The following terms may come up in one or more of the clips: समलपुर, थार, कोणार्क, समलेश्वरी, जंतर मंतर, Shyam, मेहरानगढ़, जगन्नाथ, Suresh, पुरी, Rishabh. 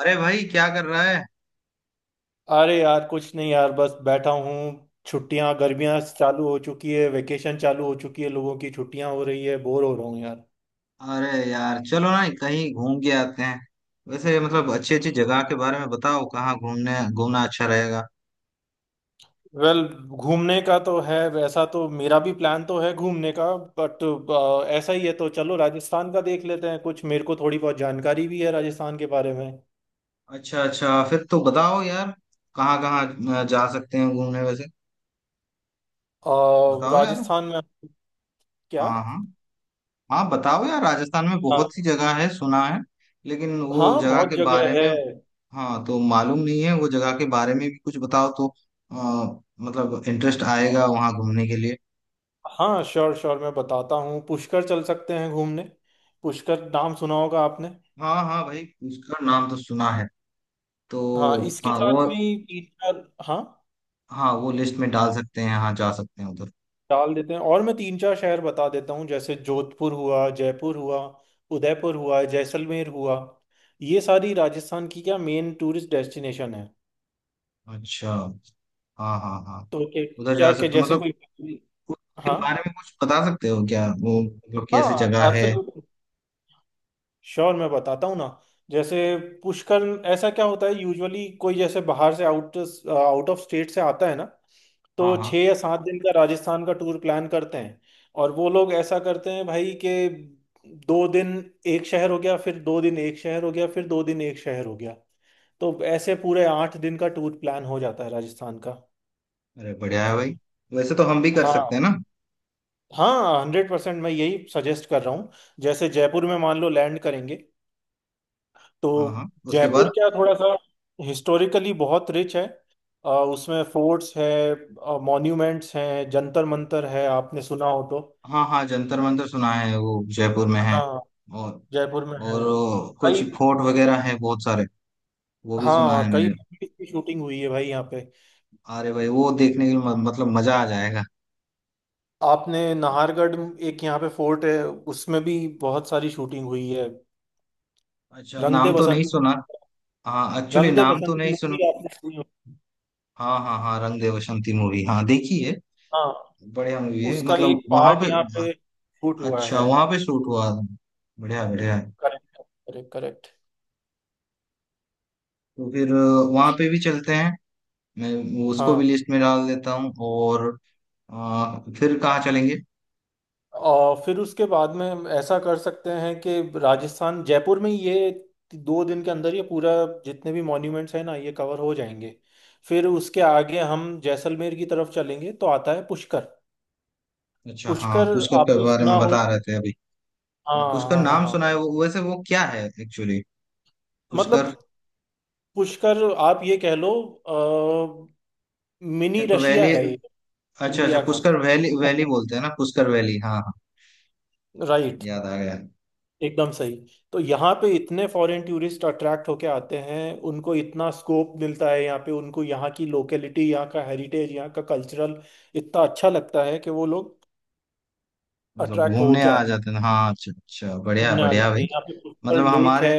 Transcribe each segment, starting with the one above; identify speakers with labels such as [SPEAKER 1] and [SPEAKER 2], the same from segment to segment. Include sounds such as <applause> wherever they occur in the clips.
[SPEAKER 1] अरे भाई क्या कर रहा है।
[SPEAKER 2] अरे यार कुछ नहीं यार, बस बैठा हूँ। छुट्टियां गर्मियां चालू हो चुकी है, वेकेशन चालू हो चुकी है, लोगों की छुट्टियां हो रही है, बोर हो रहा हूँ यार।
[SPEAKER 1] अरे यार चलो ना कहीं घूम के आते हैं। वैसे मतलब अच्छी अच्छी जगह के बारे में बताओ, कहाँ घूमने घूमना अच्छा रहेगा।
[SPEAKER 2] वेल well, घूमने का तो है, वैसा तो मेरा भी प्लान तो है घूमने का। बट ऐसा ही है तो चलो राजस्थान का देख लेते हैं, कुछ मेरे को थोड़ी बहुत जानकारी भी है राजस्थान के बारे में।
[SPEAKER 1] अच्छा अच्छा फिर तो बताओ यार। कहाँ कहाँ जा सकते हैं घूमने वैसे।
[SPEAKER 2] और
[SPEAKER 1] बताओ यार।
[SPEAKER 2] राजस्थान में। क्या?
[SPEAKER 1] हाँ हाँ। हाँ बताओ यार, राजस्थान में
[SPEAKER 2] हाँ।
[SPEAKER 1] बहुत सी जगह है सुना है। लेकिन वो
[SPEAKER 2] हाँ
[SPEAKER 1] जगह
[SPEAKER 2] बहुत
[SPEAKER 1] के
[SPEAKER 2] जगह
[SPEAKER 1] बारे
[SPEAKER 2] है।
[SPEAKER 1] में, हाँ तो मालूम नहीं है, वो जगह के बारे में भी कुछ बताओ तो। मतलब इंटरेस्ट आएगा वहाँ घूमने के लिए।
[SPEAKER 2] हाँ श्योर श्योर, मैं बताता हूँ, पुष्कर चल सकते हैं घूमने। पुष्कर नाम सुना होगा आपने?
[SPEAKER 1] हाँ हाँ भाई उसका नाम तो सुना है। तो।
[SPEAKER 2] हाँ, इसके
[SPEAKER 1] हाँ वो।
[SPEAKER 2] साथ में ही, तीन चार। हाँ,
[SPEAKER 1] हाँ वो लिस्ट में डाल सकते हैं, हाँ जा सकते हैं उधर।
[SPEAKER 2] डाल देते हैं, और मैं तीन चार शहर बता देता हूँ, जैसे जोधपुर हुआ, जयपुर हुआ, उदयपुर हुआ, जैसलमेर हुआ। ये सारी राजस्थान की क्या मेन टूरिस्ट डेस्टिनेशन है।
[SPEAKER 1] अच्छा। हाँ हाँ हाँ।
[SPEAKER 2] तो क्या
[SPEAKER 1] उधर जा
[SPEAKER 2] क्या क्या-
[SPEAKER 1] सकते हैं
[SPEAKER 2] जैसे
[SPEAKER 1] मतलब।
[SPEAKER 2] कोई,
[SPEAKER 1] उसके
[SPEAKER 2] हाँ
[SPEAKER 1] बारे में कुछ बता सकते हो क्या, वो मतलब कैसी जगह
[SPEAKER 2] हाँ
[SPEAKER 1] है।
[SPEAKER 2] एब्सोल्युट श्योर, मैं बताता हूँ ना, जैसे पुष्कर। ऐसा क्या होता है, यूजुअली कोई जैसे बाहर से आउट आउट ऑफ स्टेट से आता है ना,
[SPEAKER 1] हाँ
[SPEAKER 2] तो
[SPEAKER 1] हाँ।
[SPEAKER 2] 6 या 7 दिन का राजस्थान का टूर प्लान करते हैं। और वो लोग ऐसा करते हैं भाई कि 2 दिन एक शहर हो गया, फिर 2 दिन एक शहर हो गया, फिर दो दिन एक शहर हो गया। तो ऐसे पूरे 8 दिन का टूर प्लान हो जाता है राजस्थान का।
[SPEAKER 1] अरे बढ़िया है भाई। वैसे तो हम भी कर सकते
[SPEAKER 2] हाँ
[SPEAKER 1] हैं ना।
[SPEAKER 2] हाँ 100%, मैं यही सजेस्ट कर रहा हूँ। जैसे जयपुर में मान लो लैंड करेंगे, तो
[SPEAKER 1] हाँ हाँ उसके
[SPEAKER 2] जयपुर
[SPEAKER 1] बाद।
[SPEAKER 2] क्या, थोड़ा सा हिस्टोरिकली बहुत रिच है। उसमें फोर्ट्स है, मॉन्यूमेंट्स हैं, जंतर मंतर है, आपने सुना हो तो।
[SPEAKER 1] हाँ हाँ जंतर मंतर सुना है, वो जयपुर में है।
[SPEAKER 2] हाँ
[SPEAKER 1] और।
[SPEAKER 2] जयपुर में है।
[SPEAKER 1] और वो कुछ
[SPEAKER 2] कई।
[SPEAKER 1] फोर्ट वगैरह है बहुत सारे। वो भी सुना
[SPEAKER 2] हाँ
[SPEAKER 1] है
[SPEAKER 2] कई
[SPEAKER 1] मैंने।
[SPEAKER 2] movies की शूटिंग हुई है भाई यहाँ पे।
[SPEAKER 1] अरे भाई वो देखने के लिए मतलब मजा आ जाएगा।
[SPEAKER 2] आपने नाहरगढ़, एक यहाँ पे फोर्ट है, उसमें भी बहुत सारी शूटिंग हुई है।
[SPEAKER 1] अच्छा
[SPEAKER 2] रंग दे
[SPEAKER 1] नाम तो नहीं
[SPEAKER 2] बसंती।
[SPEAKER 1] सुना। हाँ एक्चुअली
[SPEAKER 2] रंग दे
[SPEAKER 1] नाम तो
[SPEAKER 2] बसंती
[SPEAKER 1] नहीं सुना।
[SPEAKER 2] मूवी आपने सुनी होगी।
[SPEAKER 1] हाँ हाँ हाँ रंग दे बसंती मूवी, हाँ देखी है।
[SPEAKER 2] हाँ,
[SPEAKER 1] बढ़िया मूवी है
[SPEAKER 2] उसका
[SPEAKER 1] मतलब
[SPEAKER 2] एक
[SPEAKER 1] वहां
[SPEAKER 2] पार्ट
[SPEAKER 1] पे।
[SPEAKER 2] यहाँ पे शूट हुआ
[SPEAKER 1] अच्छा
[SPEAKER 2] है।
[SPEAKER 1] वहां पे शूट हुआ। बढ़िया बढ़िया है।
[SPEAKER 2] Correct, correct correct.
[SPEAKER 1] तो फिर वहां पे भी चलते हैं। मैं उसको भी
[SPEAKER 2] हाँ,
[SPEAKER 1] लिस्ट में डाल देता हूँ और फिर कहाँ चलेंगे।
[SPEAKER 2] और फिर उसके बाद में ऐसा कर सकते हैं कि राजस्थान जयपुर में ये 2 दिन के अंदर ये पूरा जितने भी मॉन्यूमेंट्स हैं ना ये कवर हो जाएंगे। फिर उसके आगे हम जैसलमेर की तरफ चलेंगे तो आता है पुष्कर।
[SPEAKER 1] अच्छा हाँ
[SPEAKER 2] पुष्कर,
[SPEAKER 1] पुष्कर के
[SPEAKER 2] आपने
[SPEAKER 1] बारे
[SPEAKER 2] सुना
[SPEAKER 1] में
[SPEAKER 2] हो?
[SPEAKER 1] बता रहे थे अभी।
[SPEAKER 2] हाँ
[SPEAKER 1] पुष्कर
[SPEAKER 2] हाँ हाँ
[SPEAKER 1] नाम
[SPEAKER 2] हाँ।
[SPEAKER 1] सुना है वो, वैसे वो क्या है एक्चुअली पुष्कर।
[SPEAKER 2] मतलब पुष्कर आप ये कह लो, मिनी
[SPEAKER 1] एक
[SPEAKER 2] रशिया
[SPEAKER 1] वैली।
[SPEAKER 2] है ये,
[SPEAKER 1] अच्छा अच्छा
[SPEAKER 2] इंडिया का।
[SPEAKER 1] पुष्कर वैली,
[SPEAKER 2] <laughs>
[SPEAKER 1] वैली बोलते हैं ना पुष्कर वैली, हाँ हाँ।
[SPEAKER 2] राइट,
[SPEAKER 1] याद आ गया।
[SPEAKER 2] एकदम सही। तो यहाँ पे इतने फॉरेन टूरिस्ट अट्रैक्ट होके आते हैं, उनको इतना स्कोप मिलता है यहाँ पे, उनको यहाँ की लोकेलिटी, यहाँ का हेरिटेज, यहाँ का कल्चरल इतना अच्छा लगता है कि वो लोग
[SPEAKER 1] मतलब
[SPEAKER 2] अट्रैक्ट
[SPEAKER 1] घूमने
[SPEAKER 2] होके
[SPEAKER 1] आ
[SPEAKER 2] आते हैं,
[SPEAKER 1] जाते हैं, हाँ अच्छा अच्छा बढ़िया
[SPEAKER 2] घूमने आ
[SPEAKER 1] बढ़िया
[SPEAKER 2] जाते
[SPEAKER 1] भाई।
[SPEAKER 2] हैं, यहाँ पे पुष्कर
[SPEAKER 1] मतलब
[SPEAKER 2] लेक
[SPEAKER 1] हमारे,
[SPEAKER 2] है।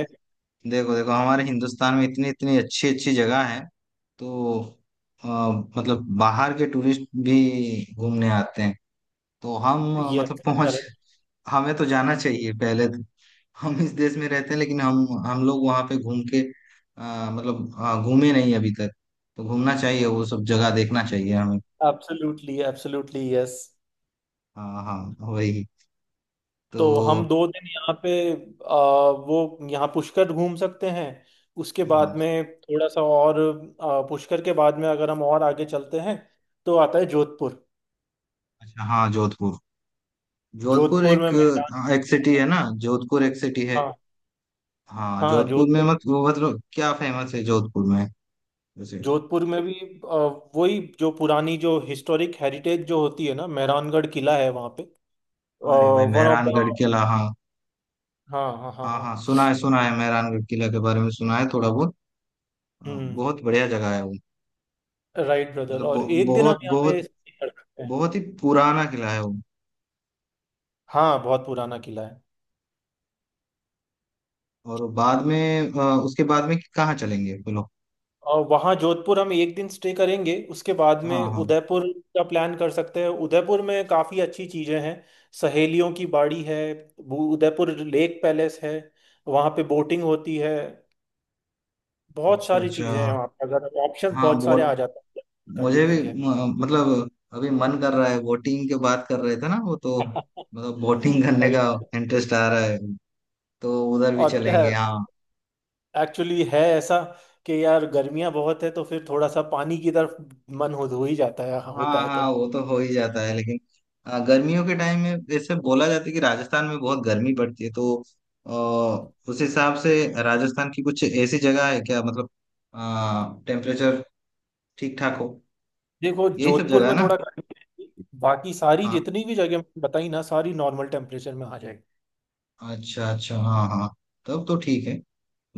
[SPEAKER 1] देखो देखो हमारे हिंदुस्तान में इतनी इतनी अच्छी अच्छी जगह है। तो अ, मतलब बाहर के टूरिस्ट भी घूमने आते हैं। तो हम मतलब
[SPEAKER 2] यस,
[SPEAKER 1] पहुंच,
[SPEAKER 2] करेक्ट।
[SPEAKER 1] हमें तो जाना चाहिए पहले तो। हम इस देश में रहते हैं लेकिन हम लोग वहां पे घूम के मतलब घूमे नहीं अभी तक। तो घूमना चाहिए, वो सब जगह देखना चाहिए हमें।
[SPEAKER 2] Absolutely absolutely yes.
[SPEAKER 1] हाँ हाँ। वही।
[SPEAKER 2] तो हम
[SPEAKER 1] तो।
[SPEAKER 2] 2 दिन यहाँ पे, आ, वो यहाँ पुष्कर घूम सकते हैं। उसके
[SPEAKER 1] हाँ।
[SPEAKER 2] बाद में थोड़ा सा और, पुष्कर के बाद में अगर हम और आगे चलते हैं, तो आता है जोधपुर।
[SPEAKER 1] अच्छा हाँ जोधपुर। जोधपुर
[SPEAKER 2] जोधपुर
[SPEAKER 1] एक,
[SPEAKER 2] में मैदान
[SPEAKER 1] एक
[SPEAKER 2] काफी
[SPEAKER 1] सिटी है
[SPEAKER 2] है।
[SPEAKER 1] ना जोधपुर, एक सिटी है।
[SPEAKER 2] हाँ
[SPEAKER 1] हाँ
[SPEAKER 2] हाँ
[SPEAKER 1] जोधपुर में मत
[SPEAKER 2] जोधपुर।
[SPEAKER 1] वो मतलब क्या फेमस है जोधपुर में, जैसे।
[SPEAKER 2] जोधपुर में भी अ, वही जो पुरानी जो हिस्टोरिक हेरिटेज जो होती है ना, मेहरानगढ़ किला है वहाँ पे।
[SPEAKER 1] अरे भाई
[SPEAKER 2] वन ऑफ द।
[SPEAKER 1] मेहरानगढ़ किला, हाँ।
[SPEAKER 2] हाँ हाँ हाँ
[SPEAKER 1] हाँ
[SPEAKER 2] हाँ।
[SPEAKER 1] हाँ सुना है मेहरानगढ़ किला के बारे में सुना है थोड़ा बहुत। हाँ,
[SPEAKER 2] हम्म,
[SPEAKER 1] बहुत बढ़िया जगह है वो।
[SPEAKER 2] राइट ब्रदर,
[SPEAKER 1] मतलब
[SPEAKER 2] और एक दिन हम
[SPEAKER 1] बहुत
[SPEAKER 2] यहाँ पे
[SPEAKER 1] बहुत,
[SPEAKER 2] stay कर सकते हैं।
[SPEAKER 1] बहुत ही पुराना किला है वो।
[SPEAKER 2] हाँ बहुत पुराना किला है।
[SPEAKER 1] और बाद में उसके बाद में कहाँ चलेंगे बोलो।
[SPEAKER 2] और वहाँ जोधपुर हम एक दिन स्टे करेंगे, उसके बाद
[SPEAKER 1] हाँ
[SPEAKER 2] में
[SPEAKER 1] हाँ।
[SPEAKER 2] उदयपुर का प्लान कर सकते हैं। उदयपुर में काफ़ी अच्छी चीज़ें हैं, सहेलियों की बाड़ी है, वो उदयपुर लेक पैलेस है, वहाँ पे बोटिंग होती है। बहुत
[SPEAKER 1] अच्छा
[SPEAKER 2] सारी
[SPEAKER 1] अच्छा।
[SPEAKER 2] चीज़ें हैं वहाँ पे, अगर ऑप्शन
[SPEAKER 1] हाँ
[SPEAKER 2] बहुत सारे
[SPEAKER 1] बोट।
[SPEAKER 2] आ जाते हैं। <laughs> करने
[SPEAKER 1] मुझे
[SPEAKER 2] के
[SPEAKER 1] भी
[SPEAKER 2] लिए।
[SPEAKER 1] मतलब अभी मन कर रहा है, बोटिंग के बात कर रहे थे ना वो तो।
[SPEAKER 2] <laughs>
[SPEAKER 1] मतलब बोटिंग करने का
[SPEAKER 2] Right।
[SPEAKER 1] इंटरेस्ट आ रहा है, तो उधर भी
[SPEAKER 2] और क्या है
[SPEAKER 1] चलेंगे हाँ।
[SPEAKER 2] एक्चुअली, है ऐसा कि यार गर्मियाँ बहुत है तो फिर थोड़ा सा पानी की तरफ मन हो ही जाता है, होता
[SPEAKER 1] हाँ
[SPEAKER 2] है
[SPEAKER 1] हाँ
[SPEAKER 2] तो।
[SPEAKER 1] वो तो हो ही जाता है, लेकिन गर्मियों के टाइम में जैसे बोला जाता है कि राजस्थान में बहुत गर्मी पड़ती है, तो अ, उस हिसाब से राजस्थान की कुछ ऐसी जगह है क्या मतलब टेम्परेचर ठीक ठाक हो।
[SPEAKER 2] देखो
[SPEAKER 1] यही सब
[SPEAKER 2] जोधपुर
[SPEAKER 1] जगह है
[SPEAKER 2] में
[SPEAKER 1] ना।
[SPEAKER 2] थोड़ा गर्मी रहेगी, बाकी सारी
[SPEAKER 1] हाँ,
[SPEAKER 2] जितनी भी जगह मैंने बताई ना, सारी नॉर्मल टेम्परेचर में आ जाएगी।
[SPEAKER 1] अच्छा अच्छा हाँ हाँ। तब तो ठीक है।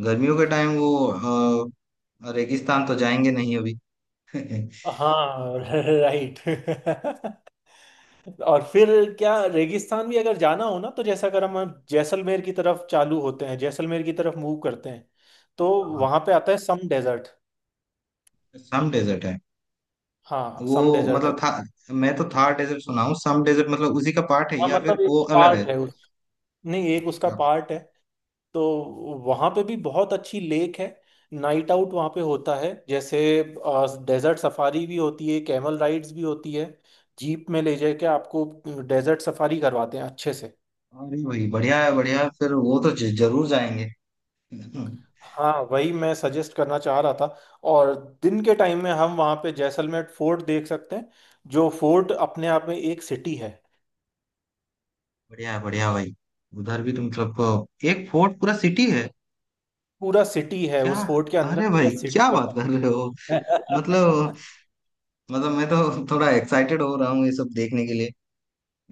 [SPEAKER 1] गर्मियों के टाइम वो रेगिस्तान तो जाएंगे नहीं अभी। <laughs>
[SPEAKER 2] हाँ, <laughs> राइट। और फिर क्या, रेगिस्तान भी अगर जाना हो ना तो जैसे, अगर हम जैसलमेर की तरफ चालू होते हैं, जैसलमेर की तरफ मूव करते हैं, तो
[SPEAKER 1] हाँ
[SPEAKER 2] वहां पे आता है सम डेजर्ट।
[SPEAKER 1] सम डेजर्ट है।
[SPEAKER 2] हाँ
[SPEAKER 1] वो
[SPEAKER 2] सम डेजर्ट है।
[SPEAKER 1] मतलब था, मैं तो थार डेजर्ट सुना हूँ, सम डेजर्ट मतलब उसी का पार्ट है
[SPEAKER 2] हाँ
[SPEAKER 1] या फिर
[SPEAKER 2] मतलब एक
[SPEAKER 1] वो अलग है।
[SPEAKER 2] पार्ट है उस, नहीं एक उसका पार्ट है। तो वहाँ पे भी बहुत अच्छी लेक है, नाइट आउट वहाँ पे होता है, जैसे डेजर्ट सफारी भी होती है, कैमल राइड्स भी होती है, जीप में ले जाके आपको डेजर्ट सफारी करवाते हैं अच्छे से।
[SPEAKER 1] हाँ नहीं भाई बढ़िया है बढ़िया है, फिर वो तो जरूर जाएंगे। हम्म,
[SPEAKER 2] हाँ वही मैं सजेस्ट करना चाह रहा था। और दिन के टाइम में हम वहाँ पे जैसलमेर फोर्ट देख सकते हैं, जो फोर्ट अपने आप में एक सिटी है।
[SPEAKER 1] बढ़िया है भाई। उधर भी तुम मतलब एक फोर्ट पूरा सिटी है
[SPEAKER 2] पूरा सिटी है,
[SPEAKER 1] क्या।
[SPEAKER 2] उस फोर्ट के अंदर
[SPEAKER 1] अरे
[SPEAKER 2] पूरा
[SPEAKER 1] भाई
[SPEAKER 2] सिटी
[SPEAKER 1] क्या बात
[SPEAKER 2] बसा
[SPEAKER 1] कर रहे हो।
[SPEAKER 2] है।
[SPEAKER 1] मतलब,
[SPEAKER 2] <laughs>
[SPEAKER 1] मतलब मैं तो थोड़ा एक्साइटेड हो रहा हूँ ये सब देखने के लिए।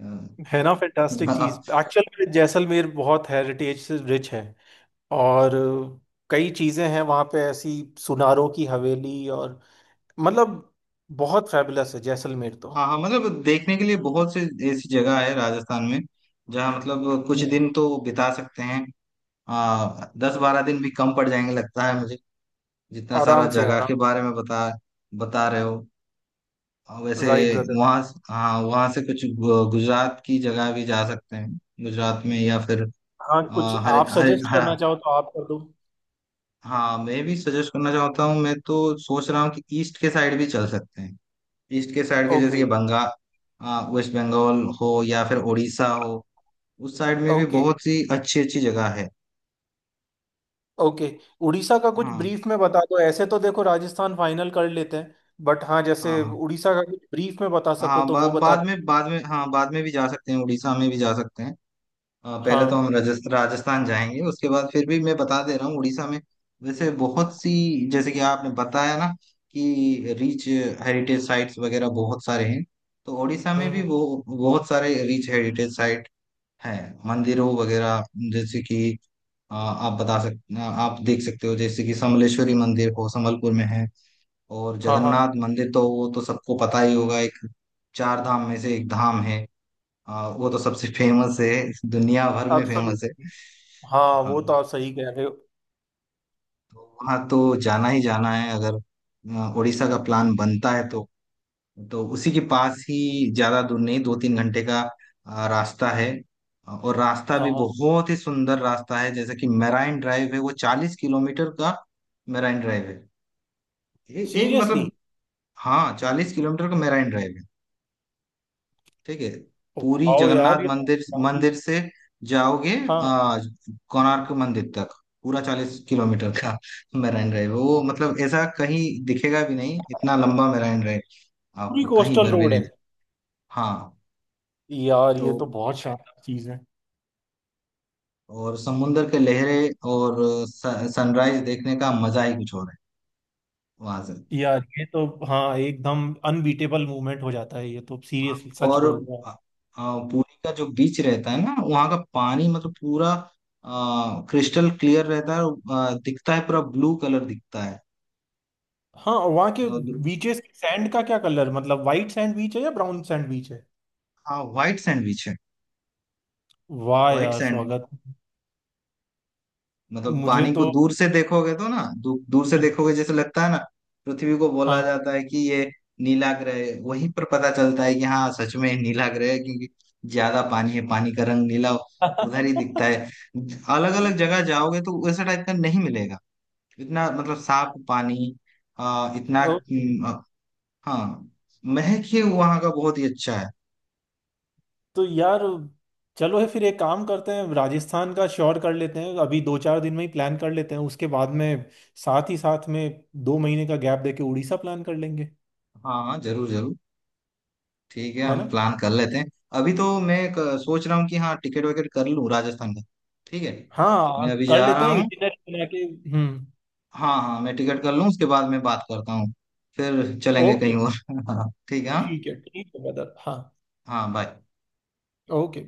[SPEAKER 1] हाँ
[SPEAKER 2] है ना, फैंटास्टिक चीज,
[SPEAKER 1] हाँ।
[SPEAKER 2] एक्चुअल में जैसलमेर बहुत हेरिटेज से रिच है, और कई चीजें हैं वहां पे ऐसी, सुनारों की हवेली, और मतलब बहुत फैबुलस है जैसलमेर तो।
[SPEAKER 1] हाँ, मतलब देखने के लिए बहुत से ऐसी जगह है राजस्थान में, जहाँ मतलब कुछ
[SPEAKER 2] हम्म।
[SPEAKER 1] दिन तो बिता सकते हैं। 10-12 दिन भी कम पड़ जाएंगे लगता है मुझे, जितना सारा
[SPEAKER 2] आराम से,
[SPEAKER 1] जगह
[SPEAKER 2] आराम।
[SPEAKER 1] के बारे में बता, बता रहे हो। और वैसे
[SPEAKER 2] राइट ब्रदर।
[SPEAKER 1] वहाँ, हाँ वहाँ से कुछ गुजरात की जगह भी जा सकते हैं, गुजरात में या फिर
[SPEAKER 2] हाँ, कुछ
[SPEAKER 1] अ, हर
[SPEAKER 2] आप
[SPEAKER 1] हर
[SPEAKER 2] सजेस्ट
[SPEAKER 1] हर।
[SPEAKER 2] करना चाहो तो आप कर दो।
[SPEAKER 1] हाँ मैं भी सजेस्ट करना चाहता हूँ, मैं तो सोच रहा हूँ कि ईस्ट के साइड भी चल सकते हैं। ईस्ट के साइड के जैसे कि
[SPEAKER 2] ओके।
[SPEAKER 1] बंगाल, वेस्ट बंगाल हो या फिर उड़ीसा हो। उस साइड में भी
[SPEAKER 2] ओके।
[SPEAKER 1] बहुत सी अच्छी अच्छी जगह है।
[SPEAKER 2] ओके। उड़ीसा का कुछ
[SPEAKER 1] हाँ
[SPEAKER 2] ब्रीफ में बता दो, ऐसे तो देखो राजस्थान फाइनल कर लेते हैं, बट हाँ,
[SPEAKER 1] हाँ।
[SPEAKER 2] जैसे
[SPEAKER 1] हाँ
[SPEAKER 2] उड़ीसा का कुछ ब्रीफ में बता सको
[SPEAKER 1] हाँ
[SPEAKER 2] तो वो बता
[SPEAKER 1] बाद
[SPEAKER 2] दो।
[SPEAKER 1] में, बाद में, हाँ बाद में भी जा सकते हैं, उड़ीसा में भी जा सकते हैं। पहले तो
[SPEAKER 2] हाँ।
[SPEAKER 1] हम राजस्थान जाएंगे, उसके बाद फिर भी मैं बता दे रहा हूँ उड़ीसा में। वैसे बहुत सी, जैसे कि आपने बताया ना कि रिच हेरिटेज साइट्स वगैरह बहुत सारे हैं, तो उड़ीसा में भी
[SPEAKER 2] हम्म।
[SPEAKER 1] वो बहुत सारे रिच हेरिटेज साइट हैं, मंदिरों वगैरह, जैसे कि आप बता सकते, आप देख सकते हो, जैसे कि समलेश्वरी मंदिर हो, समलपुर में है। और
[SPEAKER 2] हाँ हाँ,
[SPEAKER 1] जगन्नाथ मंदिर तो वो तो सबको पता ही होगा, एक चार धाम में से एक धाम है। हाँ वो तो सबसे फेमस है, दुनिया भर में फेमस है।
[SPEAKER 2] एब्सोल्युटली, हाँ
[SPEAKER 1] हाँ
[SPEAKER 2] वो तो आप सही कह रहे हो।
[SPEAKER 1] तो वहाँ तो जाना ही जाना है, अगर उड़ीसा का प्लान बनता है तो। तो उसी के पास ही, ज्यादा दूर नहीं, 2-3 घंटे का रास्ता है। और रास्ता
[SPEAKER 2] हाँ
[SPEAKER 1] भी
[SPEAKER 2] हाँ।
[SPEAKER 1] बहुत ही सुंदर रास्ता है, जैसे कि मेराइन ड्राइव है वो, 40 किलोमीटर का मेराइन ड्राइव है। एक
[SPEAKER 2] सीरियसली।
[SPEAKER 1] मतलब। हाँ 40 किलोमीटर का मेराइन ड्राइव। ठीक है। पूरी
[SPEAKER 2] वाओ यार,
[SPEAKER 1] जगन्नाथ
[SPEAKER 2] ये तो
[SPEAKER 1] मंदिर
[SPEAKER 2] काफी,
[SPEAKER 1] मंदिर से जाओगे,
[SPEAKER 2] हाँ।
[SPEAKER 1] आ, कोणार्क मंदिर तक, पूरा 40 किलोमीटर का मेराइन ड्राइव है। वो मतलब ऐसा कहीं दिखेगा भी नहीं, इतना लंबा मेराइन ड्राइव, आप
[SPEAKER 2] पूरी
[SPEAKER 1] कहीं
[SPEAKER 2] कोस्टल
[SPEAKER 1] पर भी
[SPEAKER 2] रोड है।
[SPEAKER 1] नहीं। हाँ,
[SPEAKER 2] यार
[SPEAKER 1] तो
[SPEAKER 2] ये तो बहुत शानदार चीज है।
[SPEAKER 1] और समुंदर के लहरें और सनराइज देखने का मजा ही कुछ और है वहां से।
[SPEAKER 2] यार ये तो हाँ एकदम अनबीटेबल मूवमेंट हो जाता है ये तो,
[SPEAKER 1] हाँ,
[SPEAKER 2] सीरियसली, सच
[SPEAKER 1] और
[SPEAKER 2] बोल रहे
[SPEAKER 1] आ,
[SPEAKER 2] हो।
[SPEAKER 1] आ, पुरी का जो बीच रहता है ना, वहाँ का पानी मतलब पूरा क्रिस्टल क्लियर रहता है, और दिखता है, पूरा ब्लू कलर दिखता है।
[SPEAKER 2] हाँ। और वहाँ के
[SPEAKER 1] मतलब,
[SPEAKER 2] बीचेस की सैंड का क्या कलर, मतलब वाइट सैंड बीच है या ब्राउन सैंड बीच है?
[SPEAKER 1] हाँ व्हाइट सैंडविच है,
[SPEAKER 2] वाह
[SPEAKER 1] व्हाइट
[SPEAKER 2] यार
[SPEAKER 1] सैंड।
[SPEAKER 2] स्वागत।
[SPEAKER 1] मतलब
[SPEAKER 2] मुझे
[SPEAKER 1] पानी को
[SPEAKER 2] तो
[SPEAKER 1] दूर से देखोगे तो ना दूर से देखोगे, जैसे लगता है ना पृथ्वी को बोला
[SPEAKER 2] हाँ।
[SPEAKER 1] जाता है कि ये नीला ग्रह है, वहीं पर पता चलता है कि हाँ सच में नीला ग्रह है, क्योंकि ज्यादा पानी है, पानी का रंग नीला उधर ही दिखता
[SPEAKER 2] <laughs>
[SPEAKER 1] है। अलग अलग जगह जाओगे तो वैसा टाइप का नहीं मिलेगा, इतना मतलब साफ पानी, इतना
[SPEAKER 2] ओके।
[SPEAKER 1] हाँ महक ही वहां का बहुत ही अच्छा है।
[SPEAKER 2] तो यार चलो, है फिर एक काम करते हैं, राजस्थान का श्योर कर लेते हैं अभी, 2-4 दिन में ही प्लान कर लेते हैं, उसके बाद में साथ ही साथ में 2 महीने का गैप देके उड़ीसा प्लान कर लेंगे।
[SPEAKER 1] हाँ हाँ, जरूर जरूर। ठीक है
[SPEAKER 2] है
[SPEAKER 1] हम
[SPEAKER 2] ना?
[SPEAKER 1] प्लान कर लेते हैं। अभी तो मैं एक, सोच रहा हूँ कि हाँ टिकट विकेट कर लूँ राजस्थान का। ठीक है। मैं
[SPEAKER 2] हाँ
[SPEAKER 1] अभी
[SPEAKER 2] कर
[SPEAKER 1] जा
[SPEAKER 2] लेते
[SPEAKER 1] रहा
[SPEAKER 2] हैं,
[SPEAKER 1] हूँ।
[SPEAKER 2] इटिनरी बना के। हम्म।
[SPEAKER 1] हाँ हाँ मैं टिकट कर लूँ, उसके बाद मैं बात करता हूँ। फिर चलेंगे
[SPEAKER 2] ओके।
[SPEAKER 1] कहीं और। <laughs> हाँ ठीक है हाँ।
[SPEAKER 2] ठीक है, ठीक है ब्रदर, हाँ।
[SPEAKER 1] हाँ बाय।
[SPEAKER 2] ओके।